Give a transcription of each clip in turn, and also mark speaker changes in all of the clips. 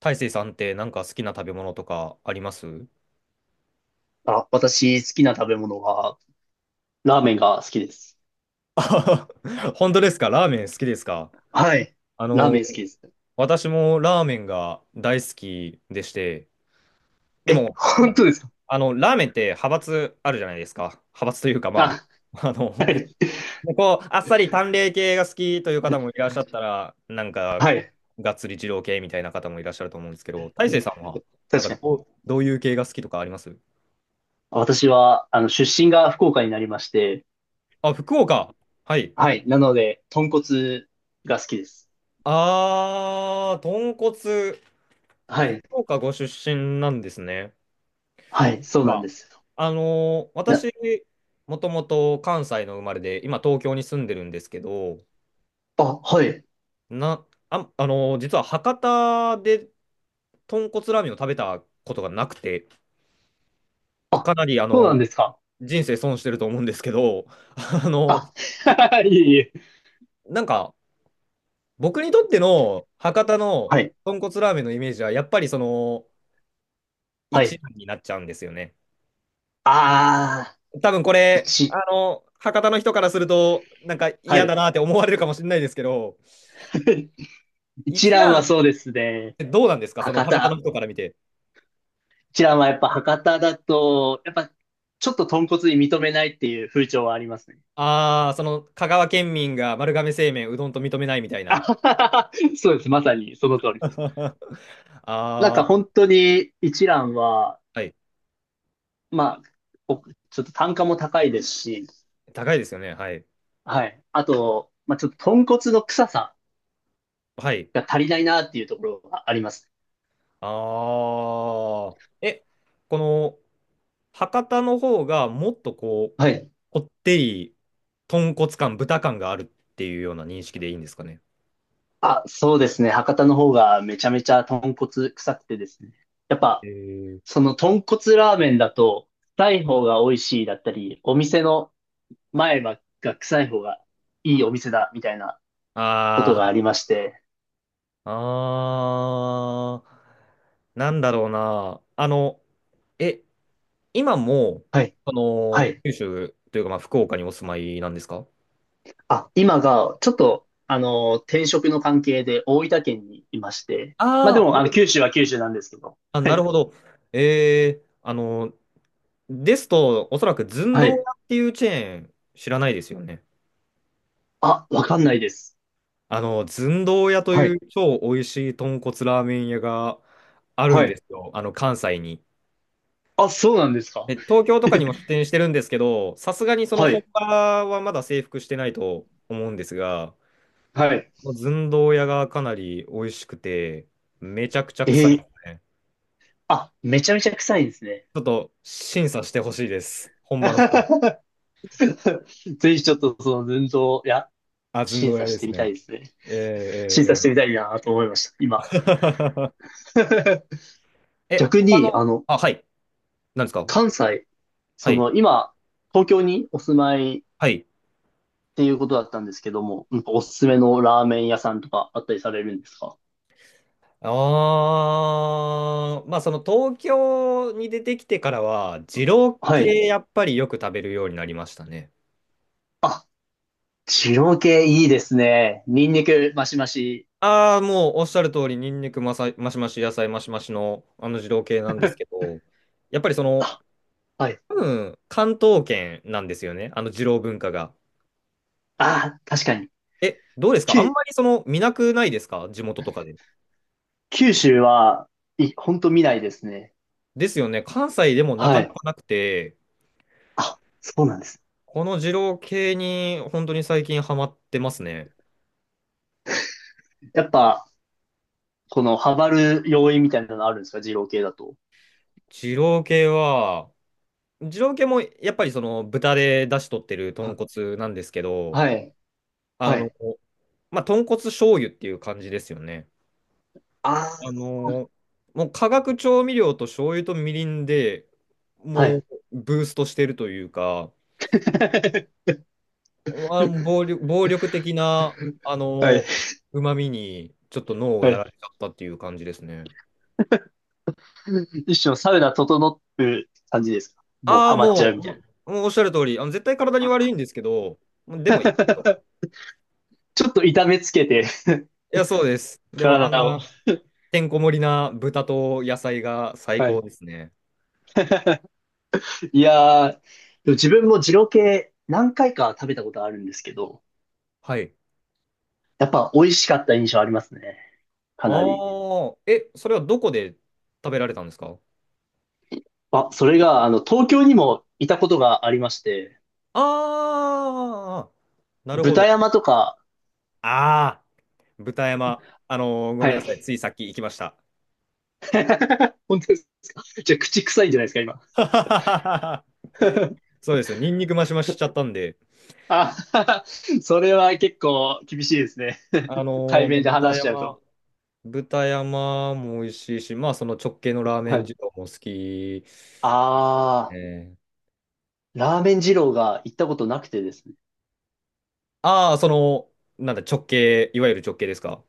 Speaker 1: 大成さんってなんか好きな食べ物とかあります？
Speaker 2: 私、好きな食べ物は、ラーメンが好きです。
Speaker 1: あはは 本当ですか？ラーメン好きですか？
Speaker 2: はい。
Speaker 1: あ
Speaker 2: ラー
Speaker 1: の、
Speaker 2: メン好きです。
Speaker 1: 私もラーメンが大好きでして、で
Speaker 2: え、
Speaker 1: も、
Speaker 2: 本当ですか？
Speaker 1: ラーメンって派閥あるじゃないですか。派閥というか、ま
Speaker 2: あ、
Speaker 1: あ、
Speaker 2: はい。
Speaker 1: こう、あっさり淡麗系が好きという方もいらっしゃったら、なんか、
Speaker 2: は
Speaker 1: こ
Speaker 2: い。
Speaker 1: う、がっつり二郎系みたいな方もいらっしゃると思うんですけど、大成さんは、なん
Speaker 2: 確か
Speaker 1: か
Speaker 2: に。
Speaker 1: どういう系が好きとかあります？
Speaker 2: 私は、出身が福岡になりまして、
Speaker 1: あ、福岡。はい。
Speaker 2: はい。なので、豚骨が好きです。
Speaker 1: あー、豚骨。あ、
Speaker 2: は
Speaker 1: 福
Speaker 2: い。
Speaker 1: 岡ご出身なんですね。
Speaker 2: はい。そうなん
Speaker 1: あ、
Speaker 2: ですよ。いや
Speaker 1: 私、もともと関西の生まれで、今東京に住んでるんですけど、
Speaker 2: あ、はい。
Speaker 1: な、あ、あのー実は博多で豚骨ラーメンを食べたことがなくて、まあ
Speaker 2: あ、
Speaker 1: かなり、
Speaker 2: そうなんですか。
Speaker 1: 人生損してると思うんですけど、あの
Speaker 2: あ、いえいえ。
Speaker 1: なんか、僕にとっての博多の
Speaker 2: はい。
Speaker 1: 豚骨ラーメンのイメージは、やっぱりその、一
Speaker 2: はい。
Speaker 1: 蘭になっちゃうんですよね。
Speaker 2: ああ、
Speaker 1: 多分これ、
Speaker 2: 一。
Speaker 1: 博多の人からすると、なんか
Speaker 2: は
Speaker 1: 嫌だ
Speaker 2: い。
Speaker 1: なって思われるかもしれないですけど、
Speaker 2: 一
Speaker 1: 一
Speaker 2: 蘭
Speaker 1: 蘭
Speaker 2: は
Speaker 1: っ
Speaker 2: そうですね。
Speaker 1: てどうなんですか？その
Speaker 2: 博
Speaker 1: 博多の
Speaker 2: 多。
Speaker 1: 人から見て。
Speaker 2: ちらはやっぱ博多だと、やっぱちょっと豚骨に認めないっていう風潮はありますね。
Speaker 1: ああ、その香川県民が丸亀製麺うどんと認めないみたい
Speaker 2: あ
Speaker 1: な。
Speaker 2: ははは、そうです。まさにその通り です。
Speaker 1: あ
Speaker 2: なんか本
Speaker 1: あ、
Speaker 2: 当に一蘭は、
Speaker 1: はい。
Speaker 2: まあ、おちょっと単価も高いですし、
Speaker 1: 高いですよね。はい。
Speaker 2: はい。あと、まあちょっと豚骨の臭さ
Speaker 1: はい。
Speaker 2: が足りないなっていうところがあります。
Speaker 1: ああ。え、この博多の方がもっとこう、
Speaker 2: はい。
Speaker 1: こってり、豚骨感、豚感があるっていうような認識でいいんですかね。
Speaker 2: あ、そうですね。博多の方がめちゃめちゃ豚骨臭くてですね。やっ
Speaker 1: え
Speaker 2: ぱ、
Speaker 1: ー
Speaker 2: その豚骨ラーメンだと、臭い方が美味しいだったり、お店の前歯が臭い方がいいお店だ、みたいなこと
Speaker 1: あ
Speaker 2: があ
Speaker 1: あ、
Speaker 2: りまして。
Speaker 1: あー、なんだろうな。え、今も、
Speaker 2: はい。
Speaker 1: そ
Speaker 2: は
Speaker 1: の、
Speaker 2: い。
Speaker 1: 九州というか、まあ、福岡にお住まいなんですか？
Speaker 2: あ、今が、ちょっと、転職の関係で大分県にいまして。まあで
Speaker 1: ああー、
Speaker 2: も、九州は九州なんですけど。
Speaker 1: あ、
Speaker 2: は
Speaker 1: なる
Speaker 2: い。
Speaker 1: ほど。えー、あの、ですと、おそらく寸
Speaker 2: は
Speaker 1: 胴
Speaker 2: い。
Speaker 1: 屋っていうチェーン、知らないですよね。
Speaker 2: あ、わかんないです。
Speaker 1: 寸胴屋と
Speaker 2: は
Speaker 1: いう
Speaker 2: い。
Speaker 1: 超美味しい豚骨ラーメン屋がある
Speaker 2: は
Speaker 1: んで
Speaker 2: い。
Speaker 1: すよ。関西に。
Speaker 2: あ、そうなんです
Speaker 1: え、
Speaker 2: か。
Speaker 1: 東京とかにも 出店してるんですけど、さすがにその
Speaker 2: は
Speaker 1: 本
Speaker 2: い。
Speaker 1: 場はまだ征服してないと思うんですが、
Speaker 2: はい。
Speaker 1: この寸胴屋がかなり美味しくて、めちゃくちゃ
Speaker 2: え
Speaker 1: 臭いで
Speaker 2: ー、
Speaker 1: すね。
Speaker 2: あ、めちゃめちゃ臭いですね。
Speaker 1: ちょっと審査してほしいです。本場の人に。
Speaker 2: ぜひちょっとその寸胴、いや、
Speaker 1: あ、寸
Speaker 2: 審
Speaker 1: 胴屋
Speaker 2: 査
Speaker 1: で
Speaker 2: して
Speaker 1: す
Speaker 2: みた
Speaker 1: ね。
Speaker 2: いですね。
Speaker 1: えー、
Speaker 2: 審査
Speaker 1: え
Speaker 2: し
Speaker 1: ー、え
Speaker 2: て
Speaker 1: ー
Speaker 2: みたいなと思いました、今。
Speaker 1: え、
Speaker 2: 逆
Speaker 1: 他
Speaker 2: に、
Speaker 1: の、あ、はい。なんですか？
Speaker 2: 関西、
Speaker 1: はい。
Speaker 2: 今、東京にお住まいっ
Speaker 1: はい。
Speaker 2: ていうことだったんですけども、なんかおすすめのラーメン屋さんとかあったりされるんですか？
Speaker 1: あー、まあその東京に出てきてからは、二郎
Speaker 2: はい。
Speaker 1: 系やっぱりよく食べるようになりましたね。
Speaker 2: あ、二系いいですね。ニンニクマシマシ。
Speaker 1: ああ、もうおっしゃる通り、ニンニクマシマシ、野菜マシマシのあの二郎系なんですけ ど、やっぱりその、
Speaker 2: あ、はい。
Speaker 1: 多分、関東圏なんですよね、あの二郎文化が。
Speaker 2: あー、確かに。
Speaker 1: え、どうですか？あん
Speaker 2: 九、
Speaker 1: まりその見なくないですか？地元とかで。
Speaker 2: 九州は、ほんと見ないですね。
Speaker 1: ですよね、関西でもなか
Speaker 2: は
Speaker 1: なか
Speaker 2: い。
Speaker 1: なくて、
Speaker 2: あ、そうなんです。
Speaker 1: この二郎系に本当に最近ハマってますね。
Speaker 2: やっぱ、この、ハマる要因みたいなのあるんですか二郎系だと？
Speaker 1: 二郎系は、二郎系もやっぱりその豚で出汁取ってる豚
Speaker 2: は、
Speaker 1: 骨なんですけど、
Speaker 2: はい。
Speaker 1: あ
Speaker 2: は
Speaker 1: の、
Speaker 2: い。
Speaker 1: まあ、豚骨醤油っていう感じですよね。あ
Speaker 2: あ
Speaker 1: のーもう化学調味料と醤油とみりんで
Speaker 2: は
Speaker 1: もう
Speaker 2: い。
Speaker 1: ブーストしてるというか、あの暴力的な、あ
Speaker 2: はい。
Speaker 1: の うまみにちょっと脳を
Speaker 2: は
Speaker 1: や
Speaker 2: い。
Speaker 1: られちゃったっていう感じですね。
Speaker 2: 一生サウナ整って感じですか？もう
Speaker 1: ああ、
Speaker 2: ハマっちゃ
Speaker 1: も
Speaker 2: うみたい
Speaker 1: う、もうおっしゃる通り、絶対体に悪いんですけど、でもいいかと。
Speaker 2: な。ちょっと痛めつけて、
Speaker 1: いや、そうです。でもあ
Speaker 2: 体
Speaker 1: ん
Speaker 2: を。
Speaker 1: なてんこ盛りな豚と野菜が最
Speaker 2: は
Speaker 1: 高
Speaker 2: い。
Speaker 1: ですね。
Speaker 2: いやー、でも自分も二郎系何回か食べたことあるんですけど、
Speaker 1: はい。
Speaker 2: やっぱ美味しかった印象ありますね。かなり。
Speaker 1: ああ、え、それはどこで食べられたんですか？
Speaker 2: あ、それが、東京にもいたことがありまして、
Speaker 1: ああ、なるほ
Speaker 2: 豚
Speaker 1: ど。
Speaker 2: 山とか、
Speaker 1: ああ、豚山。ご
Speaker 2: は
Speaker 1: めんなさい。
Speaker 2: い。
Speaker 1: ついさっき行きました。
Speaker 2: 本当です。じゃあ、口臭いんじゃないですか、今？
Speaker 1: はははは。 そうです。ニンニクマシマシしちゃったんで。
Speaker 2: あ、それは結構厳しいですね。
Speaker 1: あ
Speaker 2: 対
Speaker 1: のー
Speaker 2: 面で
Speaker 1: 豚
Speaker 2: 話しちゃう
Speaker 1: 山、
Speaker 2: と。
Speaker 1: 豚山も美味しいし、まあ、その直系のラーメ
Speaker 2: は
Speaker 1: ン
Speaker 2: い。
Speaker 1: 二郎も好き。
Speaker 2: あ
Speaker 1: え、
Speaker 2: ラーメン二郎が行ったことなくてですね。
Speaker 1: ああー、その、なんだ、いわゆる直系ですか？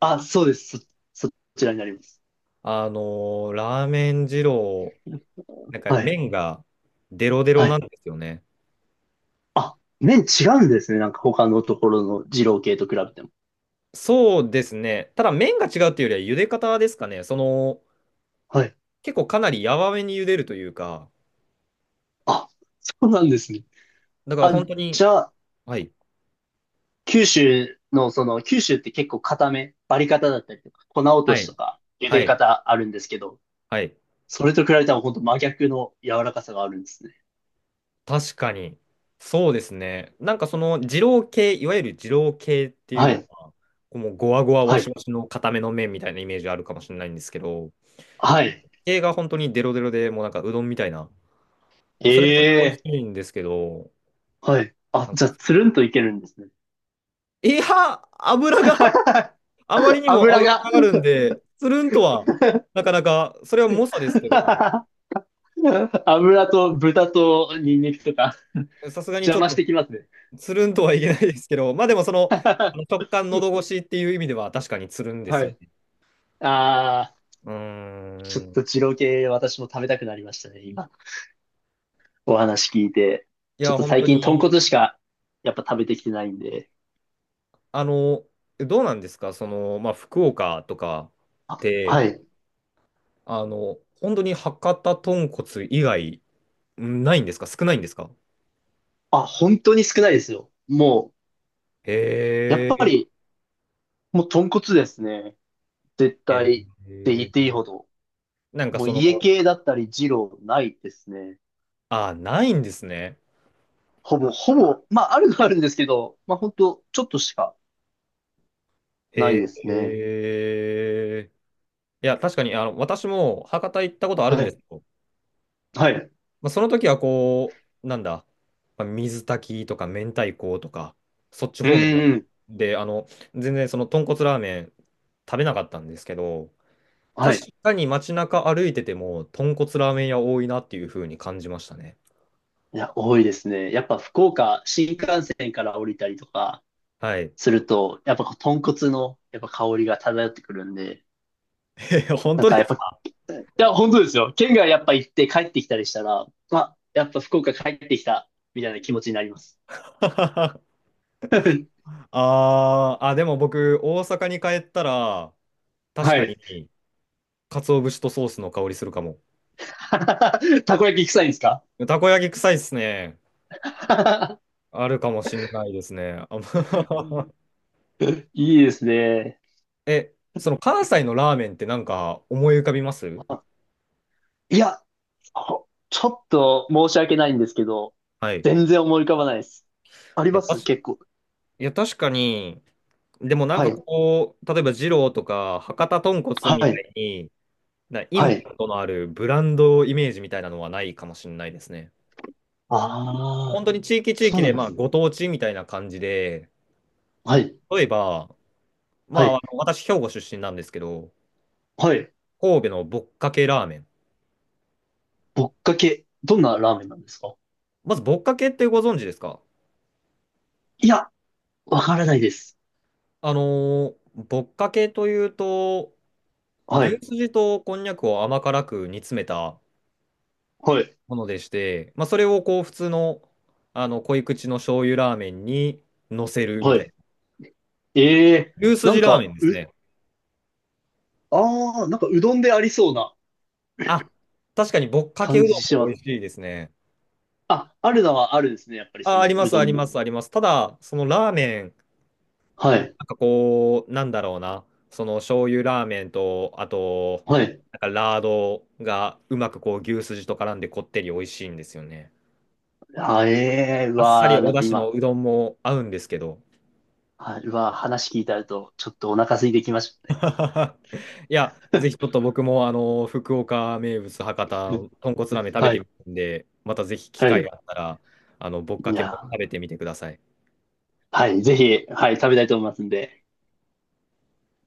Speaker 2: あ、そうです。そちらになります。
Speaker 1: あのラーメン二郎、なんか
Speaker 2: はい。
Speaker 1: 麺がデロデロ
Speaker 2: は
Speaker 1: なん
Speaker 2: い。
Speaker 1: ですよね。
Speaker 2: あ、麺違うんですね。なんか他のところの二郎系と比べても。
Speaker 1: そうですね。ただ麺が違うっていうよりは茹で方ですかね。その、
Speaker 2: はい。
Speaker 1: 結構かなり柔らめに茹でるというか、
Speaker 2: あ、そうなんですね。
Speaker 1: だから
Speaker 2: あ、
Speaker 1: 本当
Speaker 2: じ
Speaker 1: に、
Speaker 2: ゃあ、
Speaker 1: はい、
Speaker 2: 九州の、その、九州って結構固め、バリ方だったりとか、粉落
Speaker 1: は
Speaker 2: とし
Speaker 1: い、
Speaker 2: とか、茹
Speaker 1: は
Speaker 2: で
Speaker 1: い、
Speaker 2: 方あるんですけど、
Speaker 1: はい。
Speaker 2: それと比べたら本当真逆の柔らかさがあるんですね。
Speaker 1: 確かに。そうですね。なんかその二郎系、いわゆる二郎系っていう
Speaker 2: は
Speaker 1: の
Speaker 2: い。
Speaker 1: は、こうもうゴワゴワワ
Speaker 2: は
Speaker 1: シ
Speaker 2: い。
Speaker 1: ワシの固めの麺みたいなイメージあるかもしれないんですけど、
Speaker 2: はい。
Speaker 1: 系が本当にデロデロでもうなんかうどんみたいな、それが美味
Speaker 2: ええ、
Speaker 1: しいんですけど、
Speaker 2: はい。あ、
Speaker 1: なんか
Speaker 2: じゃあ、つるんといけるんですね。
Speaker 1: いや、油があまり にも
Speaker 2: 油
Speaker 1: 脂が
Speaker 2: が。
Speaker 1: あるんで、つるんとは、なかなか、それは猛者ですけど、
Speaker 2: 油と豚とニンニクとか
Speaker 1: さすがに
Speaker 2: 邪
Speaker 1: ちょっ
Speaker 2: 魔し
Speaker 1: と
Speaker 2: てきますね。
Speaker 1: つるんとはいけないですけど、まあでもその、あの 直感喉越しっていう意味では確かにつるんです
Speaker 2: は
Speaker 1: よ
Speaker 2: い。
Speaker 1: ね。
Speaker 2: ああ、
Speaker 1: うー
Speaker 2: ちょっと
Speaker 1: ん。
Speaker 2: 二郎系私も食べたくなりましたね、今。お話聞いて。
Speaker 1: い
Speaker 2: ちょ
Speaker 1: や、
Speaker 2: っと
Speaker 1: 本
Speaker 2: 最
Speaker 1: 当
Speaker 2: 近豚
Speaker 1: に、
Speaker 2: 骨しかやっぱ食べてきてないんで。
Speaker 1: あの、どうなんですか、その、まあ福岡とかっ
Speaker 2: あ、
Speaker 1: て、
Speaker 2: はい。
Speaker 1: 本当に博多豚骨以外、んないんですか少ないんですか？
Speaker 2: あ、本当に少ないですよ。もう、やっ
Speaker 1: へ
Speaker 2: ぱ
Speaker 1: え、
Speaker 2: り、もう豚骨ですね。絶
Speaker 1: え
Speaker 2: 対って言っていい
Speaker 1: ー、
Speaker 2: ほど。
Speaker 1: なんか
Speaker 2: もう
Speaker 1: その、
Speaker 2: 家系だったり二郎ないですね。
Speaker 1: あ、ないんですね。
Speaker 2: ほぼ、まあ、あるのはあるんですけど、まあ、本当ちょっとしかない
Speaker 1: え
Speaker 2: です
Speaker 1: ー
Speaker 2: ね。
Speaker 1: えーいや、確かに、私も博多行ったことあるん
Speaker 2: は
Speaker 1: です
Speaker 2: い。
Speaker 1: よ。
Speaker 2: はい。う
Speaker 1: まあ、その時はこう、なんだ、まあ、水炊きとか明太子とか、そっち方面だ
Speaker 2: ーん。
Speaker 1: で、全然その豚骨ラーメン食べなかったんですけど、
Speaker 2: は
Speaker 1: 確
Speaker 2: い。
Speaker 1: かに街中歩いてても、豚骨ラーメン屋多いなっていう風に感じましたね。
Speaker 2: いや、多いですね。やっぱ福岡、新幹線から降りたりとか
Speaker 1: はい。
Speaker 2: すると、やっぱこう豚骨のやっぱ香りが漂ってくるんで、
Speaker 1: 本
Speaker 2: なん
Speaker 1: 当で
Speaker 2: かやっ
Speaker 1: す
Speaker 2: ぱ、
Speaker 1: か？
Speaker 2: いや、本当ですよ。県外やっぱ行って帰ってきたりしたら、まあ、やっぱ福岡帰ってきた、みたいな気持ちになります。
Speaker 1: あーあ、でも僕、大阪に帰ったら、確
Speaker 2: は
Speaker 1: か
Speaker 2: い。
Speaker 1: に、鰹節とソースの香りするかも。
Speaker 2: たこ焼き臭いんですか？
Speaker 1: たこ焼き臭いっすね。あるかもしんないですね。ま
Speaker 2: いいですね。
Speaker 1: え、その関西のラーメンってなんか思い浮かびます？
Speaker 2: あ、いや、こちょっと申し訳ないんですけど、
Speaker 1: はい。
Speaker 2: 全
Speaker 1: い
Speaker 2: 然思い浮かばないです。あり
Speaker 1: や、
Speaker 2: ます結構。
Speaker 1: 確かに、でもなん
Speaker 2: は
Speaker 1: か
Speaker 2: い。
Speaker 1: こう、例えば二郎とか博多豚骨み
Speaker 2: は
Speaker 1: た
Speaker 2: い。
Speaker 1: いに、イ
Speaker 2: は
Speaker 1: ンパ
Speaker 2: い。
Speaker 1: クトのあるブランドイメージみたいなのはないかもしんないですね。
Speaker 2: あ
Speaker 1: 本
Speaker 2: あ、
Speaker 1: 当に地域地
Speaker 2: そう
Speaker 1: 域
Speaker 2: な
Speaker 1: で、
Speaker 2: んで
Speaker 1: まあ、
Speaker 2: す。
Speaker 1: ご当地みたいな感じで、
Speaker 2: はい。
Speaker 1: 例えば、ま
Speaker 2: は
Speaker 1: あ、
Speaker 2: い。
Speaker 1: 私、兵庫出身なんですけど、
Speaker 2: はい。
Speaker 1: 神戸のぼっかけラーメン。
Speaker 2: ぶっかけ、どんなラーメンなんですか？
Speaker 1: まず、ぼっかけってご存知ですか？
Speaker 2: いや、わからないです。
Speaker 1: ぼっかけというと、
Speaker 2: は
Speaker 1: 牛
Speaker 2: い。
Speaker 1: すじとこんにゃくを甘辛く煮詰めた
Speaker 2: はい。
Speaker 1: ものでして、まあ、それをこう普通の、あの濃い口の醤油ラーメンに乗せるみ
Speaker 2: は
Speaker 1: たい
Speaker 2: い。
Speaker 1: な。
Speaker 2: ええー、
Speaker 1: 牛す
Speaker 2: な
Speaker 1: じ
Speaker 2: ん
Speaker 1: ラーメ
Speaker 2: か、
Speaker 1: ンですね。
Speaker 2: ああ、なんかうどんでありそうな
Speaker 1: あ、確かにぼっかけう
Speaker 2: 感
Speaker 1: どん
Speaker 2: じし
Speaker 1: も
Speaker 2: ま
Speaker 1: 美
Speaker 2: す。
Speaker 1: 味しいですね。
Speaker 2: あ、あるのはあるですね。やっぱりそ
Speaker 1: あ、あり
Speaker 2: の
Speaker 1: ま
Speaker 2: う
Speaker 1: す、
Speaker 2: ど
Speaker 1: あり
Speaker 2: ん
Speaker 1: ま
Speaker 2: も。
Speaker 1: す、あります。ただ、そのラーメン、
Speaker 2: は
Speaker 1: もう
Speaker 2: い。
Speaker 1: なんかこう、なんだろうな、その醤油ラーメンと、あと、
Speaker 2: はい。
Speaker 1: なんかラードがうまくこう牛すじと絡んでこってり美味しいんですよね。
Speaker 2: ええー、う
Speaker 1: あっさり
Speaker 2: わー、な
Speaker 1: お
Speaker 2: ん
Speaker 1: 出
Speaker 2: か
Speaker 1: 汁の
Speaker 2: 今、
Speaker 1: うどんも合うんですけど。
Speaker 2: はい。うわ、話聞いてあると、ちょっとお腹空いてきましたね。
Speaker 1: いや、ぜひちょっと僕もあの福岡名物博多 豚骨ラーメン食べ
Speaker 2: は
Speaker 1: てみ
Speaker 2: い。
Speaker 1: るんで、またぜひ機
Speaker 2: は
Speaker 1: 会
Speaker 2: い。
Speaker 1: があったら、あのぶっ
Speaker 2: い
Speaker 1: かけも
Speaker 2: や、
Speaker 1: 食べてみてください。
Speaker 2: はい。ぜひ、はい、食べたいと思いますんで。